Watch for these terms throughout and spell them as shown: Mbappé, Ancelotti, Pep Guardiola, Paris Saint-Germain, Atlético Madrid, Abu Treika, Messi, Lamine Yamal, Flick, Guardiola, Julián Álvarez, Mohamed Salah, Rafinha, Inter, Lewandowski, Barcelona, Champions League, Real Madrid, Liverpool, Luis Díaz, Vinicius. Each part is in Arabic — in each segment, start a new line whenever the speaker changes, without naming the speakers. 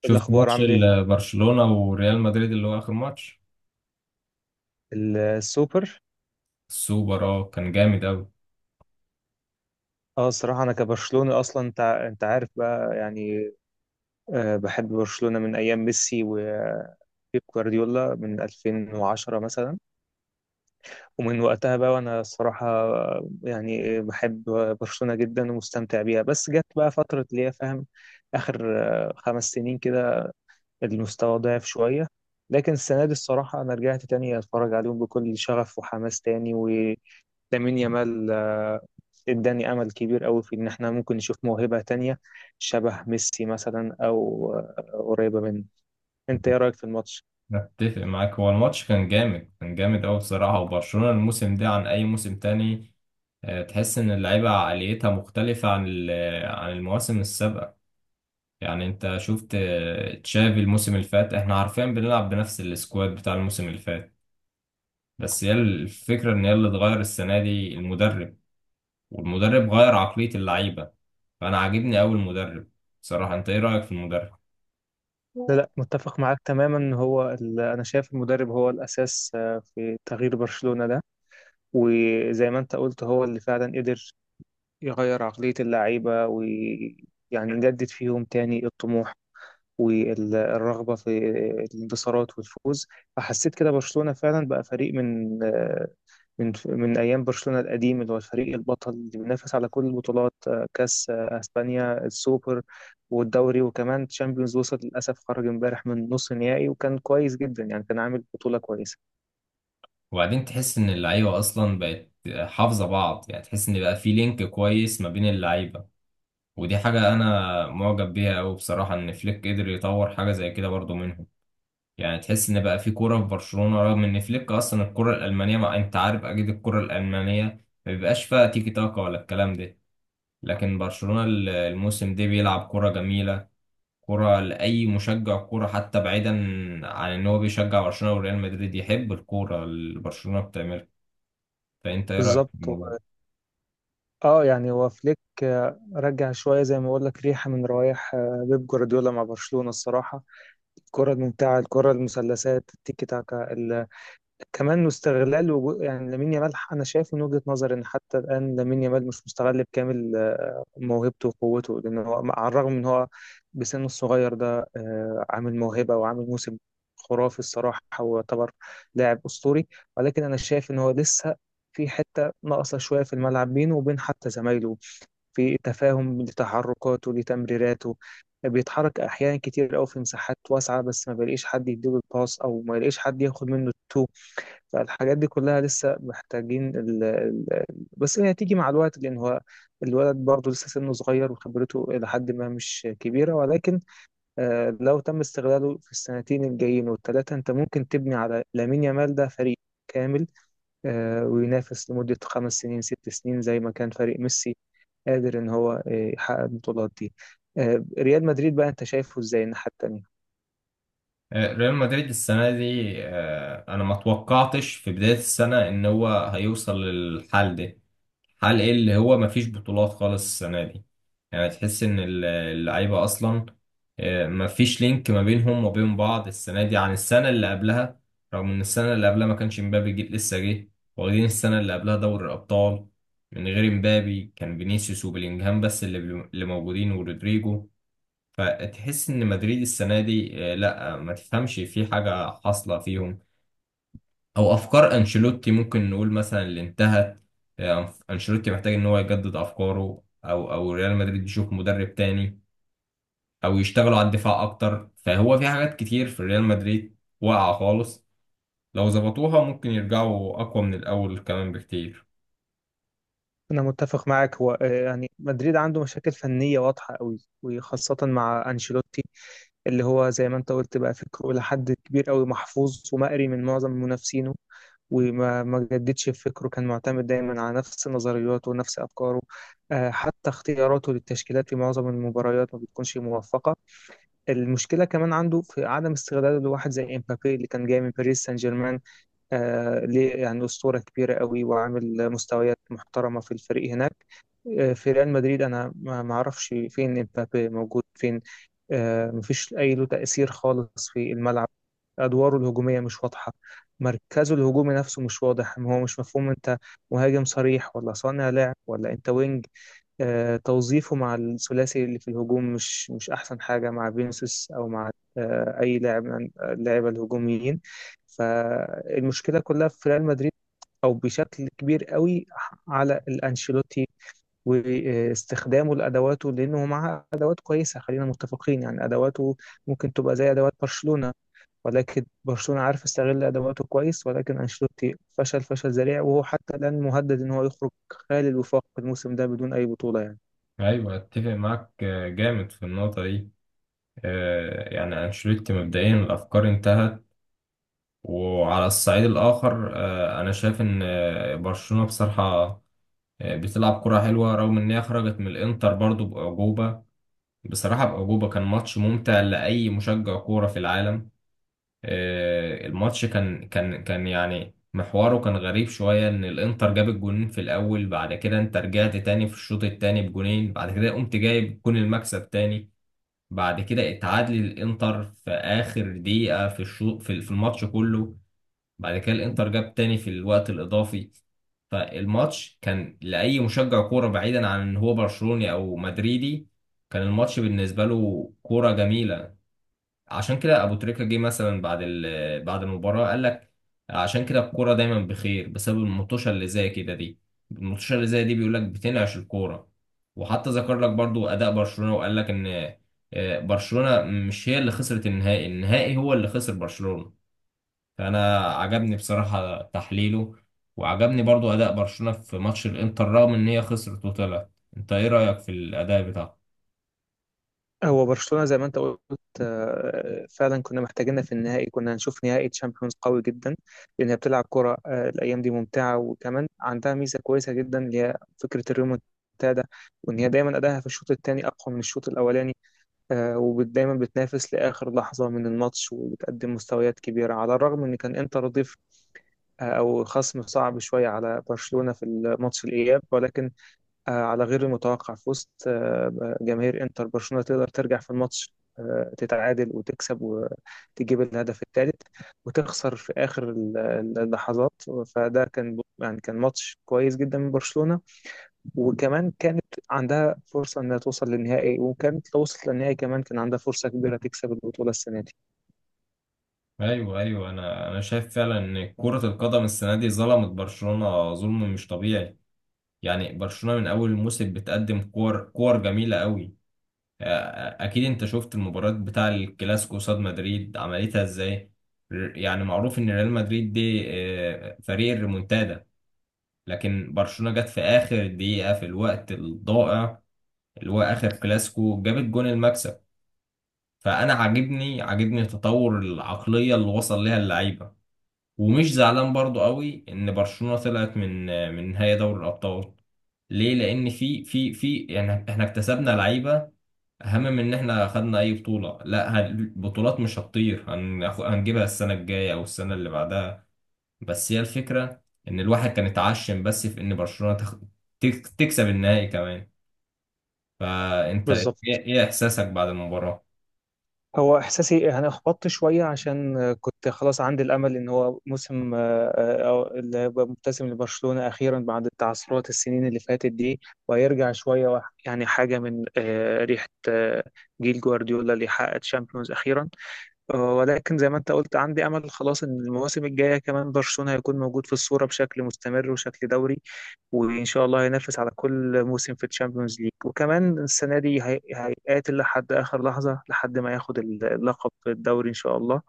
شفت
الأخبار
ماتش
عامل إيه؟
برشلونة وريال مدريد اللي هو آخر ماتش
السوبر.
السوبر. اه كان جامد أوي.
اه، الصراحة أنا كبرشلوني أصلا. أنت عارف بقى يعني. بحب برشلونة من أيام ميسي وبيب جوارديولا من 2010 مثلا، ومن وقتها بقى، وأنا الصراحة يعني بحب برشلونة جدا ومستمتع بيها. بس جت بقى فترة اللي هي فاهم، آخر 5 سنين كده، المستوى ضعف شوية. لكن السنة دي الصراحة أنا رجعت تاني أتفرج عليهم بكل شغف وحماس تاني. لامين يامال اداني امل كبير قوي في ان احنا ممكن نشوف موهبة تانية شبه ميسي مثلا، او قريبة منه. انت ايه رأيك في الماتش؟
أتفق معاك، هو الماتش كان جامد، كان جامد أوي بصراحة، وبرشلونة الموسم ده عن أي موسم تاني. تحس إن اللعيبة عقليتها مختلفة عن عن المواسم السابقة. يعني أنت شفت تشافي الموسم اللي فات، إحنا عارفين بنلعب بنفس السكواد بتاع الموسم اللي فات، بس هي الفكرة إن هي اللي اتغير السنة دي المدرب، والمدرب غير عقلية اللعيبة، فأنا عاجبني أوي المدرب بصراحة. أنت إيه رأيك في المدرب؟
لا، لا، متفق معاك تماما. هو انا شايف المدرب هو الاساس في تغيير برشلونة ده. وزي ما انت قلت هو اللي فعلا قدر يغير عقلية اللعيبة، ويعني يجدد فيهم تاني الطموح والرغبة في الانتصارات والفوز. فحسيت كده برشلونة فعلا بقى فريق من آه، من من أيام برشلونة القديم، اللي هو الفريق البطل اللي بينافس على كل البطولات: كأس أسبانيا، السوبر والدوري وكمان تشامبيونز. وصل للأسف، خرج امبارح من نص نهائي، وكان كويس جدا، يعني كان عامل بطولة كويسة.
وبعدين تحس إن اللعيبة أصلا بقت حافظة بعض، يعني تحس إن بقى في لينك كويس ما بين اللعيبة، ودي حاجة أنا معجب بيها أوي بصراحة، إن فليك قدر يطور حاجة زي كده برضو منهم. يعني تحس إن بقى في كورة في برشلونة، رغم إن فليك أصلا الكرة الألمانية، ما أنت عارف أكيد الكرة الألمانية ما بيبقاش فيها تيكي تاكا ولا الكلام ده. لكن برشلونة الموسم ده بيلعب كرة جميلة، كرة لأي مشجع كرة، حتى بعيدا عن إن هو بيشجع برشلونة وريال مدريد يحب الكورة اللي برشلونة بتعملها. فأنت إيه رأيك في
بالظبط.
الموضوع ده؟
اه يعني هو فليك رجع شوية، زي ما بقول لك، ريحة من روايح بيب جوارديولا مع برشلونة الصراحة: الكرة الممتعة، الكرة المثلثات، التيكي تاكا، كمان استغلال، يعني لامين يامال. أنا شايف من وجهة نظري إن حتى الآن لامين يامال مش مستغل بكامل موهبته وقوته، لأن هو على الرغم من هو بسنه الصغير ده عامل موهبة وعامل موسم خرافي الصراحة، ويعتبر لاعب أسطوري. ولكن أنا شايف إن هو لسه في حتة ناقصة شوية في الملعب بينه وبين حتى زمايله في تفاهم لتحركاته لتمريراته. بيتحرك أحيانا كتير أوي في مساحات واسعة، بس ما بيلاقيش حد يديله الباص، أو ما يلاقيش حد ياخد منه التو. فالحاجات دي كلها لسه محتاجين بس هي هتيجي مع الوقت، لأن هو الولد برضه لسه سنه صغير وخبرته إلى حد ما مش كبيرة. ولكن لو تم استغلاله في السنتين الجايين والثلاثة، أنت ممكن تبني على لامين يامال ده فريق كامل وينافس لمدة 5 سنين 6 سنين زي ما كان فريق ميسي قادر إن هو يحقق البطولات دي. ريال مدريد بقى، أنت شايفه إزاي الناحية التانية؟
ريال مدريد السنة دي، أنا ما توقعتش في بداية السنة إن هو هيوصل للحال ده، حال ايه اللي هو مفيش بطولات خالص السنة دي. يعني تحس ان اللعيبة اصلا مفيش لينك ما بينهم وبين بعض السنة دي عن السنة اللي قبلها، رغم ان السنة اللي قبلها ما كانش مبابي جه، لسه جه، واخدين السنة اللي قبلها دوري الابطال من غير مبابي. كان فينيسيوس وبيلينجهام بس اللي اللي موجودين، ورودريجو. فتحس ان مدريد السنة دي لا ما تفهمش في حاجة حاصلة فيهم، او افكار انشيلوتي ممكن نقول مثلا اللي انتهت. انشيلوتي محتاج ان هو يجدد افكاره، او ريال مدريد يشوف مدرب تاني، او يشتغلوا على الدفاع اكتر، فهو في حاجات كتير في ريال مدريد واقعة خالص، لو ظبطوها ممكن يرجعوا اقوى من الاول كمان بكتير.
أنا متفق معاك. هو يعني مدريد عنده مشاكل فنية واضحة قوي، وخاصة مع أنشيلوتي اللي هو زي ما أنت قلت بقى فكره لحد كبير قوي محفوظ ومقري من معظم منافسينه، وما ما جددش في فكره، كان معتمد دايما على نفس نظرياته ونفس أفكاره. حتى اختياراته للتشكيلات في معظم المباريات ما بتكونش موفقة. المشكلة كمان عنده في عدم استغلاله لواحد زي إمبابي اللي كان جاي من باريس سان جيرمان. ليه يعني أسطورة كبيرة قوي وعامل مستويات محترمة في الفريق هناك. في ريال مدريد أنا ما أعرفش فين امبابي موجود فين. مفيش أي له تأثير خالص في الملعب. أدواره الهجومية مش واضحة، مركزه الهجومي نفسه مش واضح، هو مش مفهوم أنت مهاجم صريح ولا صانع لعب ولا أنت وينج. توظيفه مع الثلاثي اللي في الهجوم مش أحسن حاجة مع فينيسيوس أو مع أي لاعب من اللاعيبة الهجوميين. فالمشكلة كلها في ريال مدريد أو بشكل كبير قوي على الأنشيلوتي واستخدامه لأدواته، لأنه معاه أدوات كويسة. خلينا متفقين يعني أدواته ممكن تبقى زي أدوات برشلونة، ولكن برشلونة عارف يستغل أدواته كويس، ولكن أنشيلوتي فشل فشل ذريع، وهو حتى الآن مهدد إن هو يخرج خالي الوفاق الموسم ده بدون أي بطولة يعني.
ايوه اتفق معاك، جامد في النقطة دي. يعني انشيلوتي مبدئيا الافكار انتهت. وعلى الصعيد الاخر انا شايف ان برشلونة بصراحة بتلعب كرة حلوة، رغم إن هي خرجت من الإنتر برضو بأعجوبة. بصراحة بأعجوبة، كان ماتش ممتع لأي مشجع كورة في العالم. الماتش كان يعني محوره كان غريب شوية، إن الإنتر جاب الجونين في الأول، بعد كده أنت رجعت تاني في الشوط التاني بجونين، بعد كده قمت جايب جون المكسب تاني، بعد كده اتعادل الإنتر في آخر دقيقة في الشوط في الماتش كله، بعد كده الانتر جاب تاني في الوقت الاضافي. فالماتش كان لاي مشجع كوره بعيدا عن ان هو برشلوني او مدريدي، كان الماتش بالنسبه له كوره جميله. عشان كده ابو تريكه جه مثلا بعد بعد المباراه، قال لك عشان كده الكوره دايما بخير بسبب المطوشه اللي زي كده دي، المطوشه اللي زي دي بيقول لك بتنعش الكوره. وحتى ذكر لك برضو اداء برشلونه، وقال لك ان برشلونه مش هي اللي خسرت النهائي، النهائي هو اللي خسر برشلونه. فانا عجبني بصراحة تحليله، وعجبني برضو اداء برشلونة في ماتش الانتر رغم ان هي خسرت وطلعت. انت ايه رأيك في الاداء بتاعه؟
هو برشلونة زي ما انت قلت فعلا كنا محتاجينها في النهائي، كنا هنشوف نهائي تشامبيونز قوي جدا، لأنها بتلعب كرة الأيام دي ممتعة. وكمان عندها ميزة كويسة جدا اللي هي فكرة الريمونتادا، وإن هي دايما أداها في الشوط الثاني أقوى من الشوط الأولاني، ودايما بتنافس لآخر لحظة من الماتش، وبتقدم مستويات كبيرة على الرغم إن كان إنتر ضيف أو خصم صعب شوية على برشلونة في الماتش الإياب. ولكن على غير المتوقع في وسط جماهير انتر، برشلونة تقدر ترجع في الماتش تتعادل وتكسب وتجيب الهدف الثالث، وتخسر في آخر اللحظات. فده كان يعني كان ماتش كويس جدا من برشلونة. وكمان كانت عندها فرصة إنها توصل للنهائي، وكانت لو وصلت للنهائي كمان كان عندها فرصة كبيرة تكسب البطولة السنة دي.
ايوه ايوه، انا شايف فعلا ان كرة القدم السنة دي ظلمت برشلونة ظلم مش طبيعي. يعني برشلونة من اول الموسم بتقدم كور كور جميلة قوي. اكيد انت شفت المباراة بتاع الكلاسيكو قصاد مدريد عملتها ازاي. يعني معروف ان ريال مدريد دي فريق الريمونتادا، لكن برشلونة جت في آخر دقيقة في الوقت الضائع اللي هو آخر كلاسيكو، جابت جون المكسب. فأنا عاجبني، عاجبني تطور العقلية اللي وصل ليها اللعيبة. ومش زعلان برضو قوي إن برشلونة طلعت من من نهائي دوري الأبطال. ليه؟ لأن في يعني إحنا اكتسبنا لعيبة أهم من إن إحنا خدنا أي بطولة. لا، البطولات مش هتطير، هنجيبها السنة الجاية أو السنة اللي بعدها. بس هي الفكرة إن الواحد كان اتعشم بس في إن برشلونة تكسب النهائي كمان. فأنت إيه
بالظبط.
إيه إحساسك بعد المباراة؟
هو احساسي يعني احبطت شويه، عشان كنت خلاص عندي الامل ان هو موسم أو اللي هيبقى مبتسم لبرشلونه اخيرا بعد تعثرات السنين اللي فاتت دي، وهيرجع شويه يعني حاجه من ريحه جيل جوارديولا اللي حقق تشامبيونز اخيرا. ولكن زي ما انت قلت عندي امل خلاص ان المواسم الجايه كمان برشلونه هيكون موجود في الصوره بشكل مستمر وشكل دوري، وإن شاء الله هينافس على كل موسم في الشامبيونز ليج. وكمان السنة دي هيقاتل لحد آخر لحظة لحد ما ياخد اللقب الدوري إن شاء الله،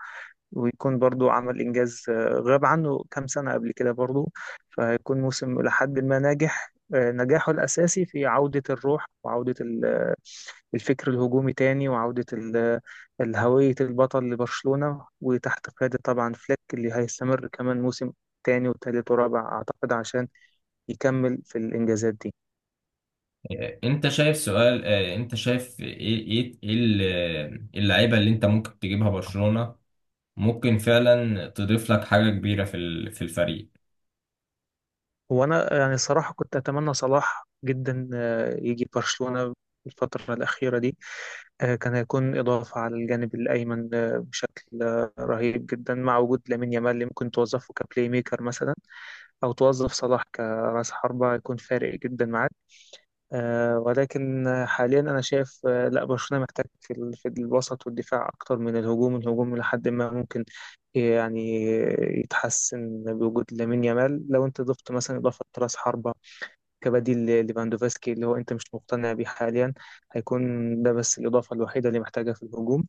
ويكون برضو عمل إنجاز غاب عنه كام سنة قبل كده برضو. فهيكون موسم لحد ما ناجح، نجاحه الأساسي في عودة الروح وعودة الفكر الهجومي تاني، وعودة هوية البطل لبرشلونة، وتحت قيادة طبعا فليك اللي هيستمر كمان موسم تاني وتالت ورابع أعتقد، عشان يكمل في الإنجازات دي.
أنت شايف إيه اللعيبة اللي أنت ممكن تجيبها برشلونة ممكن فعلا تضيف لك حاجة كبيرة في في الفريق.
هو أنا يعني الصراحة كنت أتمنى صلاح جدا يجي برشلونة الفترة الأخيرة دي. كان هيكون إضافة على الجانب الأيمن بشكل رهيب جدا، مع وجود لامين يامال اللي ممكن توظفه كبلاي ميكر مثلا، أو توظف صلاح كرأس حربة يكون فارق جدا معاه. ولكن حاليا انا شايف لا، برشلونه محتاج في الوسط والدفاع اكتر من الهجوم. الهجوم لحد ما ممكن يعني يتحسن بوجود لامين يامال، لو انت ضفت مثلا اضافه راس حربه كبديل ليفاندوفسكي اللي هو انت مش مقتنع بيه حاليا، هيكون ده بس الاضافه الوحيده اللي محتاجها في الهجوم.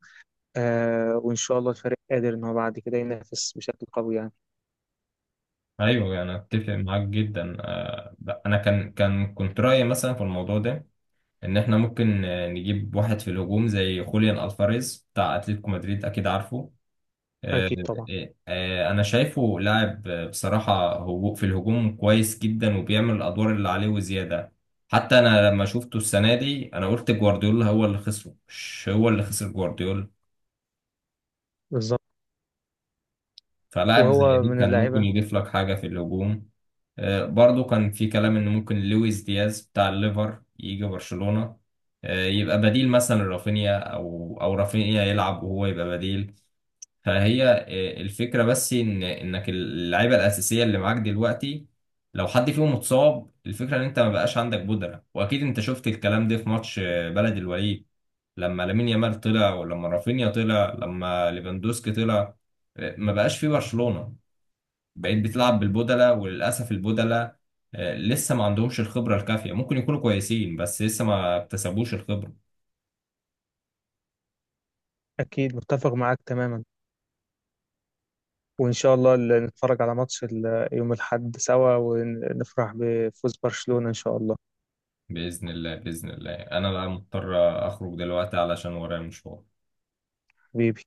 وان شاء الله الفريق قادر ان هو بعد كده ينافس بشكل قوي يعني.
أيوه أنا أتفق معاك جدا، أنا كان كان كنت رأيي مثلا في الموضوع ده، إن إحنا ممكن نجيب واحد في الهجوم زي خوليان ألفاريز بتاع أتلتيكو مدريد، أكيد عارفه. آه،
اكيد طبعا.
انا شايفه لاعب، بصراحه هو في الهجوم كويس جدا، وبيعمل الادوار اللي عليه وزياده. حتى انا لما شفته السنه دي انا قلت جوارديولا هو اللي خسره مش هو اللي خسر جوارديولا.
بالظبط.
فلاعب زي
وهو
دي
من
كان ممكن
اللعيبه.
يضيف لك حاجه في الهجوم. برضو كان في كلام ان ممكن لويس دياز بتاع الليفر يجي برشلونه، يبقى بديل مثلا لرافينيا، او رافينيا يلعب وهو يبقى بديل. فهي الفكرة بس، إن إنك اللعيبة الأساسية اللي معاك دلوقتي لو حد فيهم اتصاب، الفكرة إن أنت ما بقاش عندك بودرة. وأكيد أنت شفت الكلام ده في ماتش بلد الوليد، لما لامين يامال طلع، ولما رافينيا طلع، لما ليفاندوسكي طلع، ما بقاش في برشلونة، بقيت بتلعب بالبودلة. وللأسف البودلة لسه ما عندهمش الخبرة الكافية، ممكن يكونوا كويسين بس لسه ما اكتسبوش الخبرة.
اكيد متفق معاك تماما، وإن شاء الله نتفرج على ماتش يوم الأحد سوا، ونفرح بفوز برشلونة إن شاء الله.
بإذن الله، بإذن الله، أنا بقى مضطر أخرج دلوقتي علشان ورايا مشوار.
حبيبي.